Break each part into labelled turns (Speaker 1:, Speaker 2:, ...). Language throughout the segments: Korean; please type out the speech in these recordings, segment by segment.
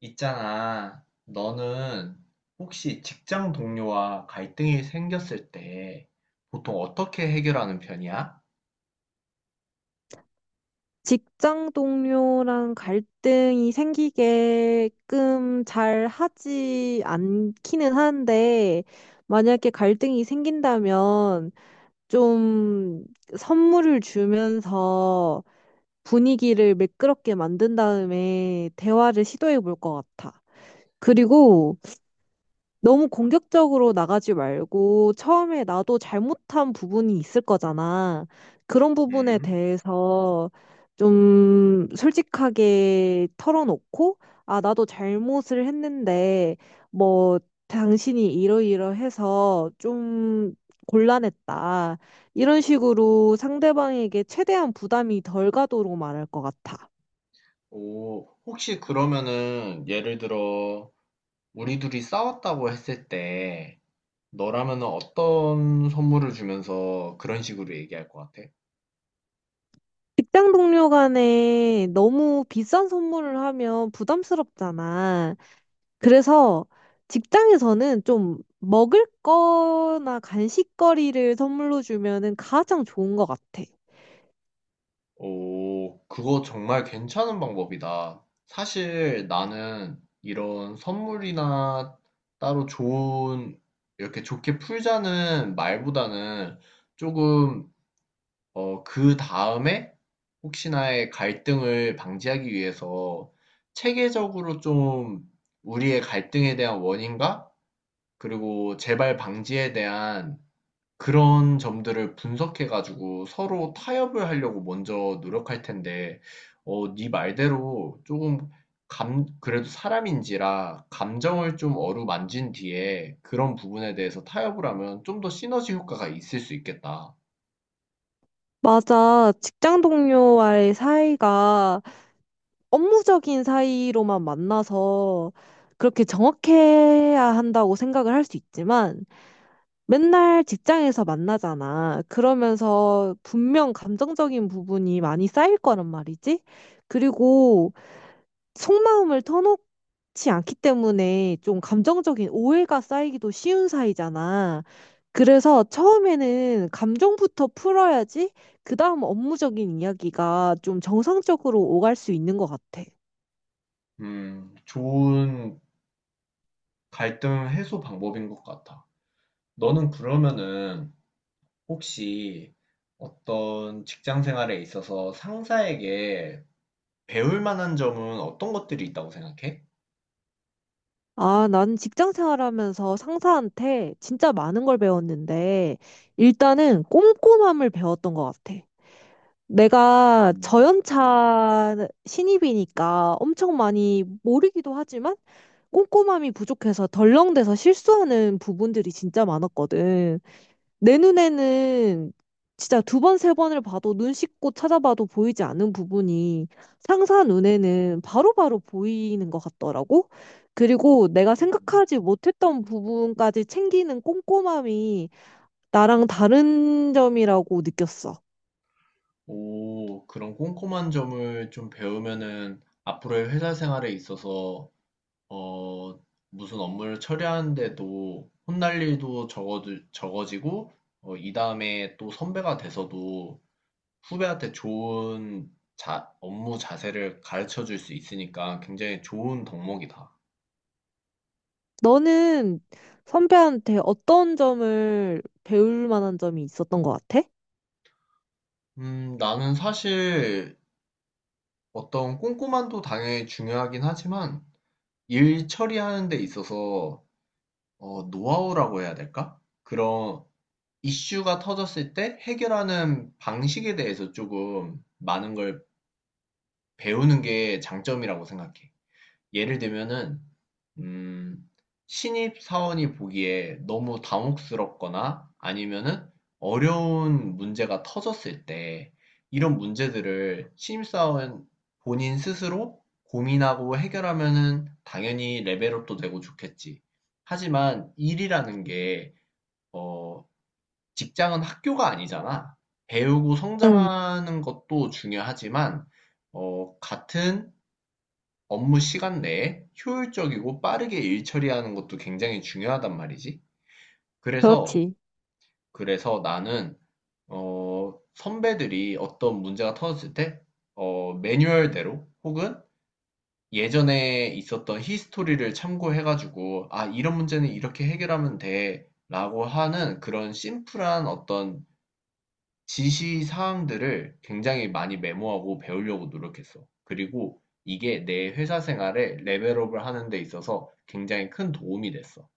Speaker 1: 있잖아. 너는 혹시 직장 동료와 갈등이 생겼을 때 보통 어떻게 해결하는 편이야?
Speaker 2: 직장 동료랑 갈등이 생기게끔 잘 하지 않기는 한데, 만약에 갈등이 생긴다면 좀 선물을 주면서 분위기를 매끄럽게 만든 다음에 대화를 시도해 볼 것 같아. 그리고 너무 공격적으로 나가지 말고 처음에 나도 잘못한 부분이 있을 거잖아. 그런 부분에
Speaker 1: 음?
Speaker 2: 대해서 좀 솔직하게 털어놓고, 아, 나도 잘못을 했는데, 뭐, 당신이 이러이러해서 좀 곤란했다. 이런 식으로 상대방에게 최대한 부담이 덜 가도록 말할 것 같아.
Speaker 1: 오, 혹시 그러면은 예를 들어 우리 둘이 싸웠다고 했을 때 너라면은 어떤 선물을 주면서 그런 식으로 얘기할 것 같아?
Speaker 2: 직장 동료 간에 너무 비싼 선물을 하면 부담스럽잖아. 그래서 직장에서는 좀 먹을 거나 간식거리를 선물로 주면은 가장 좋은 것 같아.
Speaker 1: 오, 그거 정말 괜찮은 방법이다. 사실 나는 이런 선물이나 따로 좋은, 이렇게 좋게 풀자는 말보다는 조금, 그 다음에 혹시나의 갈등을 방지하기 위해서 체계적으로 좀 우리의 갈등에 대한 원인과 그리고 재발 방지에 대한 그런 점들을 분석해 가지고 서로 타협을 하려고 먼저 노력할 텐데, 네 말대로 조금 그래도 사람인지라 감정을 좀 어루만진 뒤에 그런 부분에 대해서 타협을 하면 좀 더 시너지 효과가 있을 수 있겠다.
Speaker 2: 맞아. 직장 동료와의 사이가 업무적인 사이로만 만나서 그렇게 정확해야 한다고 생각을 할 수 있지만 맨날 직장에서 만나잖아. 그러면서 분명 감정적인 부분이 많이 쌓일 거란 말이지. 그리고 속마음을 터놓지 않기 때문에 좀 감정적인 오해가 쌓이기도 쉬운 사이잖아. 그래서 처음에는 감정부터 풀어야지 그다음 업무적인 이야기가 좀 정상적으로 오갈 수 있는 것 같아.
Speaker 1: 좋은 갈등 해소 방법인 것 같아. 너는 그러면은 혹시 어떤 직장 생활에 있어서 상사에게 배울 만한 점은 어떤 것들이 있다고 생각해?
Speaker 2: 아, 난 직장 생활하면서 상사한테 진짜 많은 걸 배웠는데 일단은 꼼꼼함을 배웠던 것 같아. 내가
Speaker 1: 음.
Speaker 2: 저연차 신입이니까 엄청 많이 모르기도 하지만 꼼꼼함이 부족해서 덜렁대서 실수하는 부분들이 진짜 많았거든. 내 눈에는 진짜 두 번, 세 번을 봐도 눈 씻고 찾아봐도 보이지 않은 부분이 상사 눈에는 바로바로 보이는 것 같더라고. 그리고 내가 생각하지 못했던 부분까지 챙기는 꼼꼼함이 나랑 다른 점이라고 느꼈어.
Speaker 1: 오, 그런 꼼꼼한 점을 좀 배우면은 앞으로의 회사 생활에 있어서 어, 무슨 업무를 처리하는데도 혼날 일도 적어지고 이 다음에 또 선배가 돼서도 후배한테 좋은 업무 자세를 가르쳐 줄 수 있으니까 굉장히 좋은 덕목이다.
Speaker 2: 너는 선배한테 어떤 점을 배울 만한 점이 있었던 것 같아?
Speaker 1: 나는 사실 어떤 꼼꼼함도 당연히 중요하긴 하지만 일 처리하는 데 있어서 노하우라고 해야 될까? 그런 이슈가 터졌을 때 해결하는 방식에 대해서 조금 많은 걸 배우는 게 장점이라고 생각해. 예를 들면은, 음, 신입 사원이 보기에 너무 당혹스럽거나 아니면은 어려운 문제가 터졌을 때 이런 문제들을 신입 사원 본인 스스로 고민하고 해결하면은 당연히 레벨업도 되고 좋겠지. 하지만 일이라는 게 어, 직장은 학교가 아니잖아. 배우고
Speaker 2: 응,
Speaker 1: 성장하는 것도 중요하지만, 같은 업무 시간 내에 효율적이고 빠르게 일 처리하는 것도 굉장히 중요하단 말이지. 그래서,
Speaker 2: 그렇지.
Speaker 1: 그래서 나는, 선배들이 어떤 문제가 터졌을 때, 매뉴얼대로 혹은 예전에 있었던 히스토리를 참고해가지고, 아, 이런 문제는 이렇게 해결하면 돼. 라고 하는 그런 심플한 어떤 지시 사항들을 굉장히 많이 메모하고 배우려고 노력했어. 그리고 이게 내 회사 생활에 레벨업을 하는 데 있어서 굉장히 큰 도움이 됐어.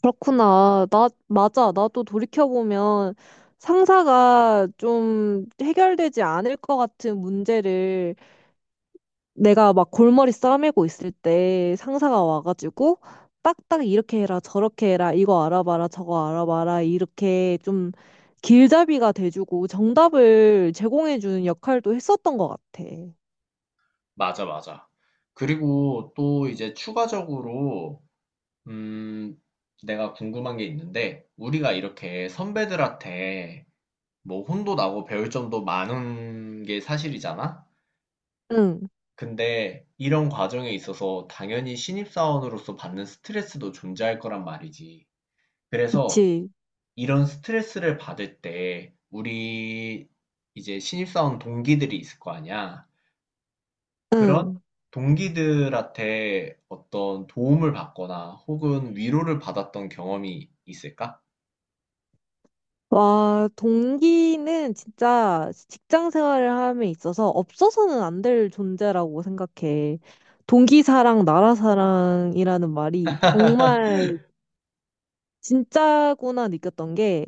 Speaker 2: 그렇구나. 나, 맞아. 나도 돌이켜보면 상사가 좀 해결되지 않을 것 같은 문제를 내가 막 골머리 싸매고 있을 때 상사가 와가지고 딱딱 이렇게 해라, 저렇게 해라, 이거 알아봐라, 저거 알아봐라, 이렇게 좀 길잡이가 돼주고 정답을 제공해주는 역할도 했었던 것 같아.
Speaker 1: 맞아, 맞아. 그리고 또 이제 추가적으로, 음, 내가 궁금한 게 있는데, 우리가 이렇게 선배들한테 뭐 혼도 나고 배울 점도 많은 게 사실이잖아?
Speaker 2: 응,
Speaker 1: 근데 이런 과정에 있어서 당연히 신입사원으로서 받는 스트레스도 존재할 거란 말이지. 그래서
Speaker 2: 그치.
Speaker 1: 이런 스트레스를 받을 때 우리 이제 신입사원 동기들이 있을 거 아니야. 그런
Speaker 2: 응.
Speaker 1: 동기들한테 어떤 도움을 받거나 혹은 위로를 받았던 경험이 있을까?
Speaker 2: 와, 동기는 진짜 직장 생활을 함에 있어서 없어서는 안 될 존재라고 생각해. 동기사랑 나라사랑이라는 말이 정말 진짜구나 느꼈던 게,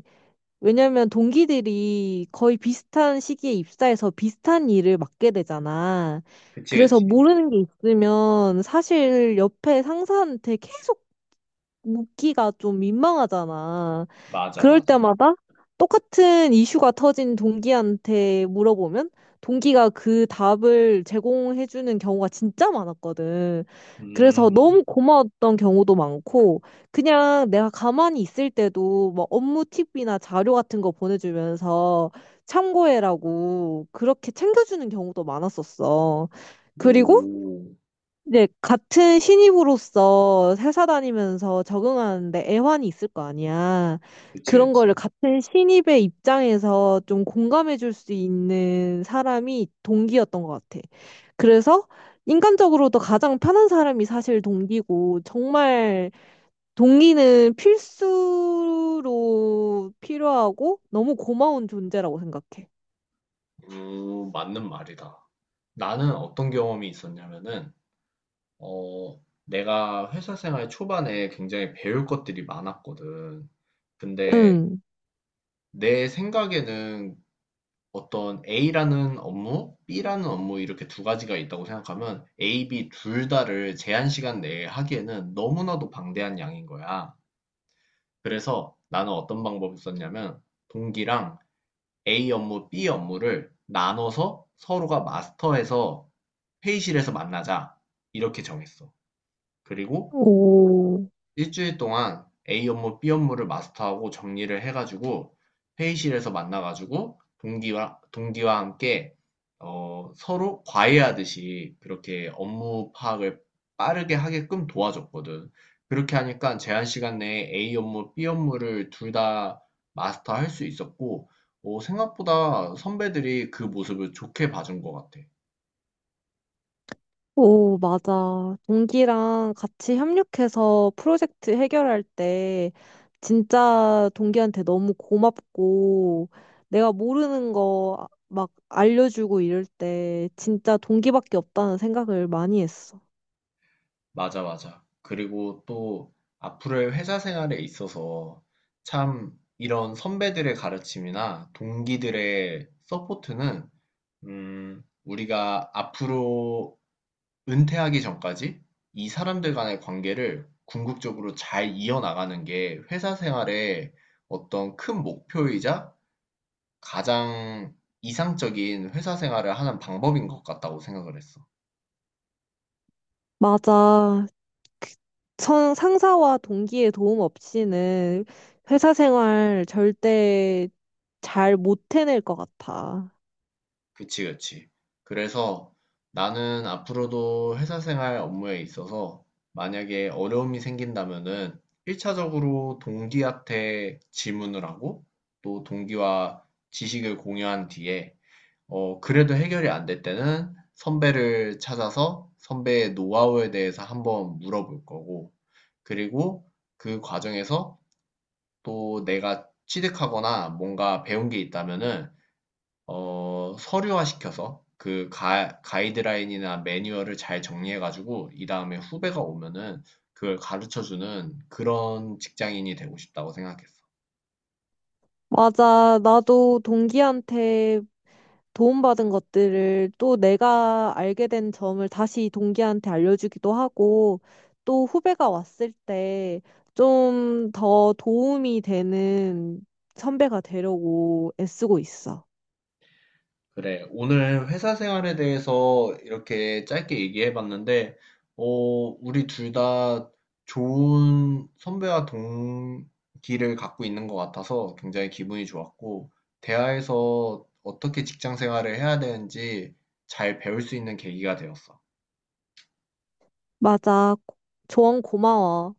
Speaker 2: 왜냐면 동기들이 거의 비슷한 시기에 입사해서 비슷한 일을 맡게 되잖아.
Speaker 1: 그치,
Speaker 2: 그래서
Speaker 1: 그치.
Speaker 2: 모르는 게 있으면 사실 옆에 상사한테 계속 묻기가 좀 민망하잖아.
Speaker 1: 맞아,
Speaker 2: 그럴
Speaker 1: 맞아.
Speaker 2: 때마다 똑같은 이슈가 터진 동기한테 물어보면 동기가 그 답을 제공해주는 경우가 진짜 많았거든. 그래서
Speaker 1: 음,
Speaker 2: 너무 고마웠던 경우도 많고, 그냥 내가 가만히 있을 때도 막 업무 팁이나 자료 같은 거 보내주면서 참고해라고 그렇게 챙겨주는 경우도 많았었어. 그리고
Speaker 1: 오,
Speaker 2: 이제 같은 신입으로서 회사 다니면서 적응하는데 애환이 있을 거 아니야.
Speaker 1: 그치,
Speaker 2: 그런 거를
Speaker 1: 그치.
Speaker 2: 같은 신입의 입장에서 좀 공감해 줄 수 있는 사람이 동기였던 것 같아. 그래서 인간적으로도 가장 편한 사람이 사실 동기고, 정말 동기는 필수로 필요하고 너무 고마운 존재라고 생각해.
Speaker 1: 오, 맞는 말이다. 나는 어떤 경험이 있었냐면은, 내가 회사 생활 초반에 굉장히 배울 것들이 많았거든. 근데
Speaker 2: 응.
Speaker 1: 내 생각에는 어떤 A라는 업무, B라는 업무 이렇게 두 가지가 있다고 생각하면 A, B 둘 다를 제한 시간 내에 하기에는 너무나도 방대한 양인 거야. 그래서 나는 어떤 방법을 썼냐면 동기랑 A 업무, B 업무를 나눠서 서로가 마스터해서 회의실에서 만나자. 이렇게 정했어. 그리고
Speaker 2: 오.
Speaker 1: 일주일 동안 A 업무, B 업무를 마스터하고 정리를 해가지고 회의실에서 만나가지고 동기와 함께 서로 과외하듯이 그렇게 업무 파악을 빠르게 하게끔 도와줬거든. 그렇게 하니까 제한 시간 내에 A 업무, B 업무를 둘 다 마스터할 수 있었고, 생각보다 선배들이 그 모습을 좋게 봐준 것 같아.
Speaker 2: 오, 맞아. 동기랑 같이 협력해서 프로젝트 해결할 때 진짜 동기한테 너무 고맙고 내가 모르는 거 막 알려주고 이럴 때 진짜 동기밖에 없다는 생각을 많이 했어.
Speaker 1: 맞아, 맞아. 그리고 또 앞으로의 회사 생활에 있어서 참 이런 선배들의 가르침이나 동기들의 서포트는, 우리가 앞으로 은퇴하기 전까지 이 사람들 간의 관계를 궁극적으로 잘 이어나가는 게 회사 생활의 어떤 큰 목표이자 가장 이상적인 회사 생활을 하는 방법인 것 같다고 생각을 했어.
Speaker 2: 맞아. 그 상사와 동기의 도움 없이는 회사 생활 절대 잘 못 해낼 것 같아.
Speaker 1: 그치, 그치. 그래서 나는 앞으로도 회사 생활 업무에 있어서 만약에 어려움이 생긴다면은 1차적으로 동기한테 질문을 하고 또 동기와 지식을 공유한 뒤에 그래도 해결이 안 될 때는 선배를 찾아서 선배의 노하우에 대해서 한번 물어볼 거고 그리고 그 과정에서 또 내가 취득하거나 뭔가 배운 게 있다면은 서류화시켜서 그 가이드라인이나 매뉴얼을 잘 정리해가지고 이 다음에 후배가 오면은 그걸 가르쳐주는 그런 직장인이 되고 싶다고 생각했어.
Speaker 2: 맞아. 나도 동기한테 도움받은 것들을 또 내가 알게 된 점을 다시 동기한테 알려주기도 하고 또 후배가 왔을 때 좀 더 도움이 되는 선배가 되려고 애쓰고 있어.
Speaker 1: 그래, 오늘 회사 생활에 대해서 이렇게 짧게 얘기해봤는데, 어, 우리 둘 다 좋은 선배와 동기를 갖고 있는 것 같아서 굉장히 기분이 좋았고, 대화에서 어떻게 직장 생활을 해야 되는지 잘 배울 수 있는 계기가 되었어.
Speaker 2: 맞아. 조언 고마워.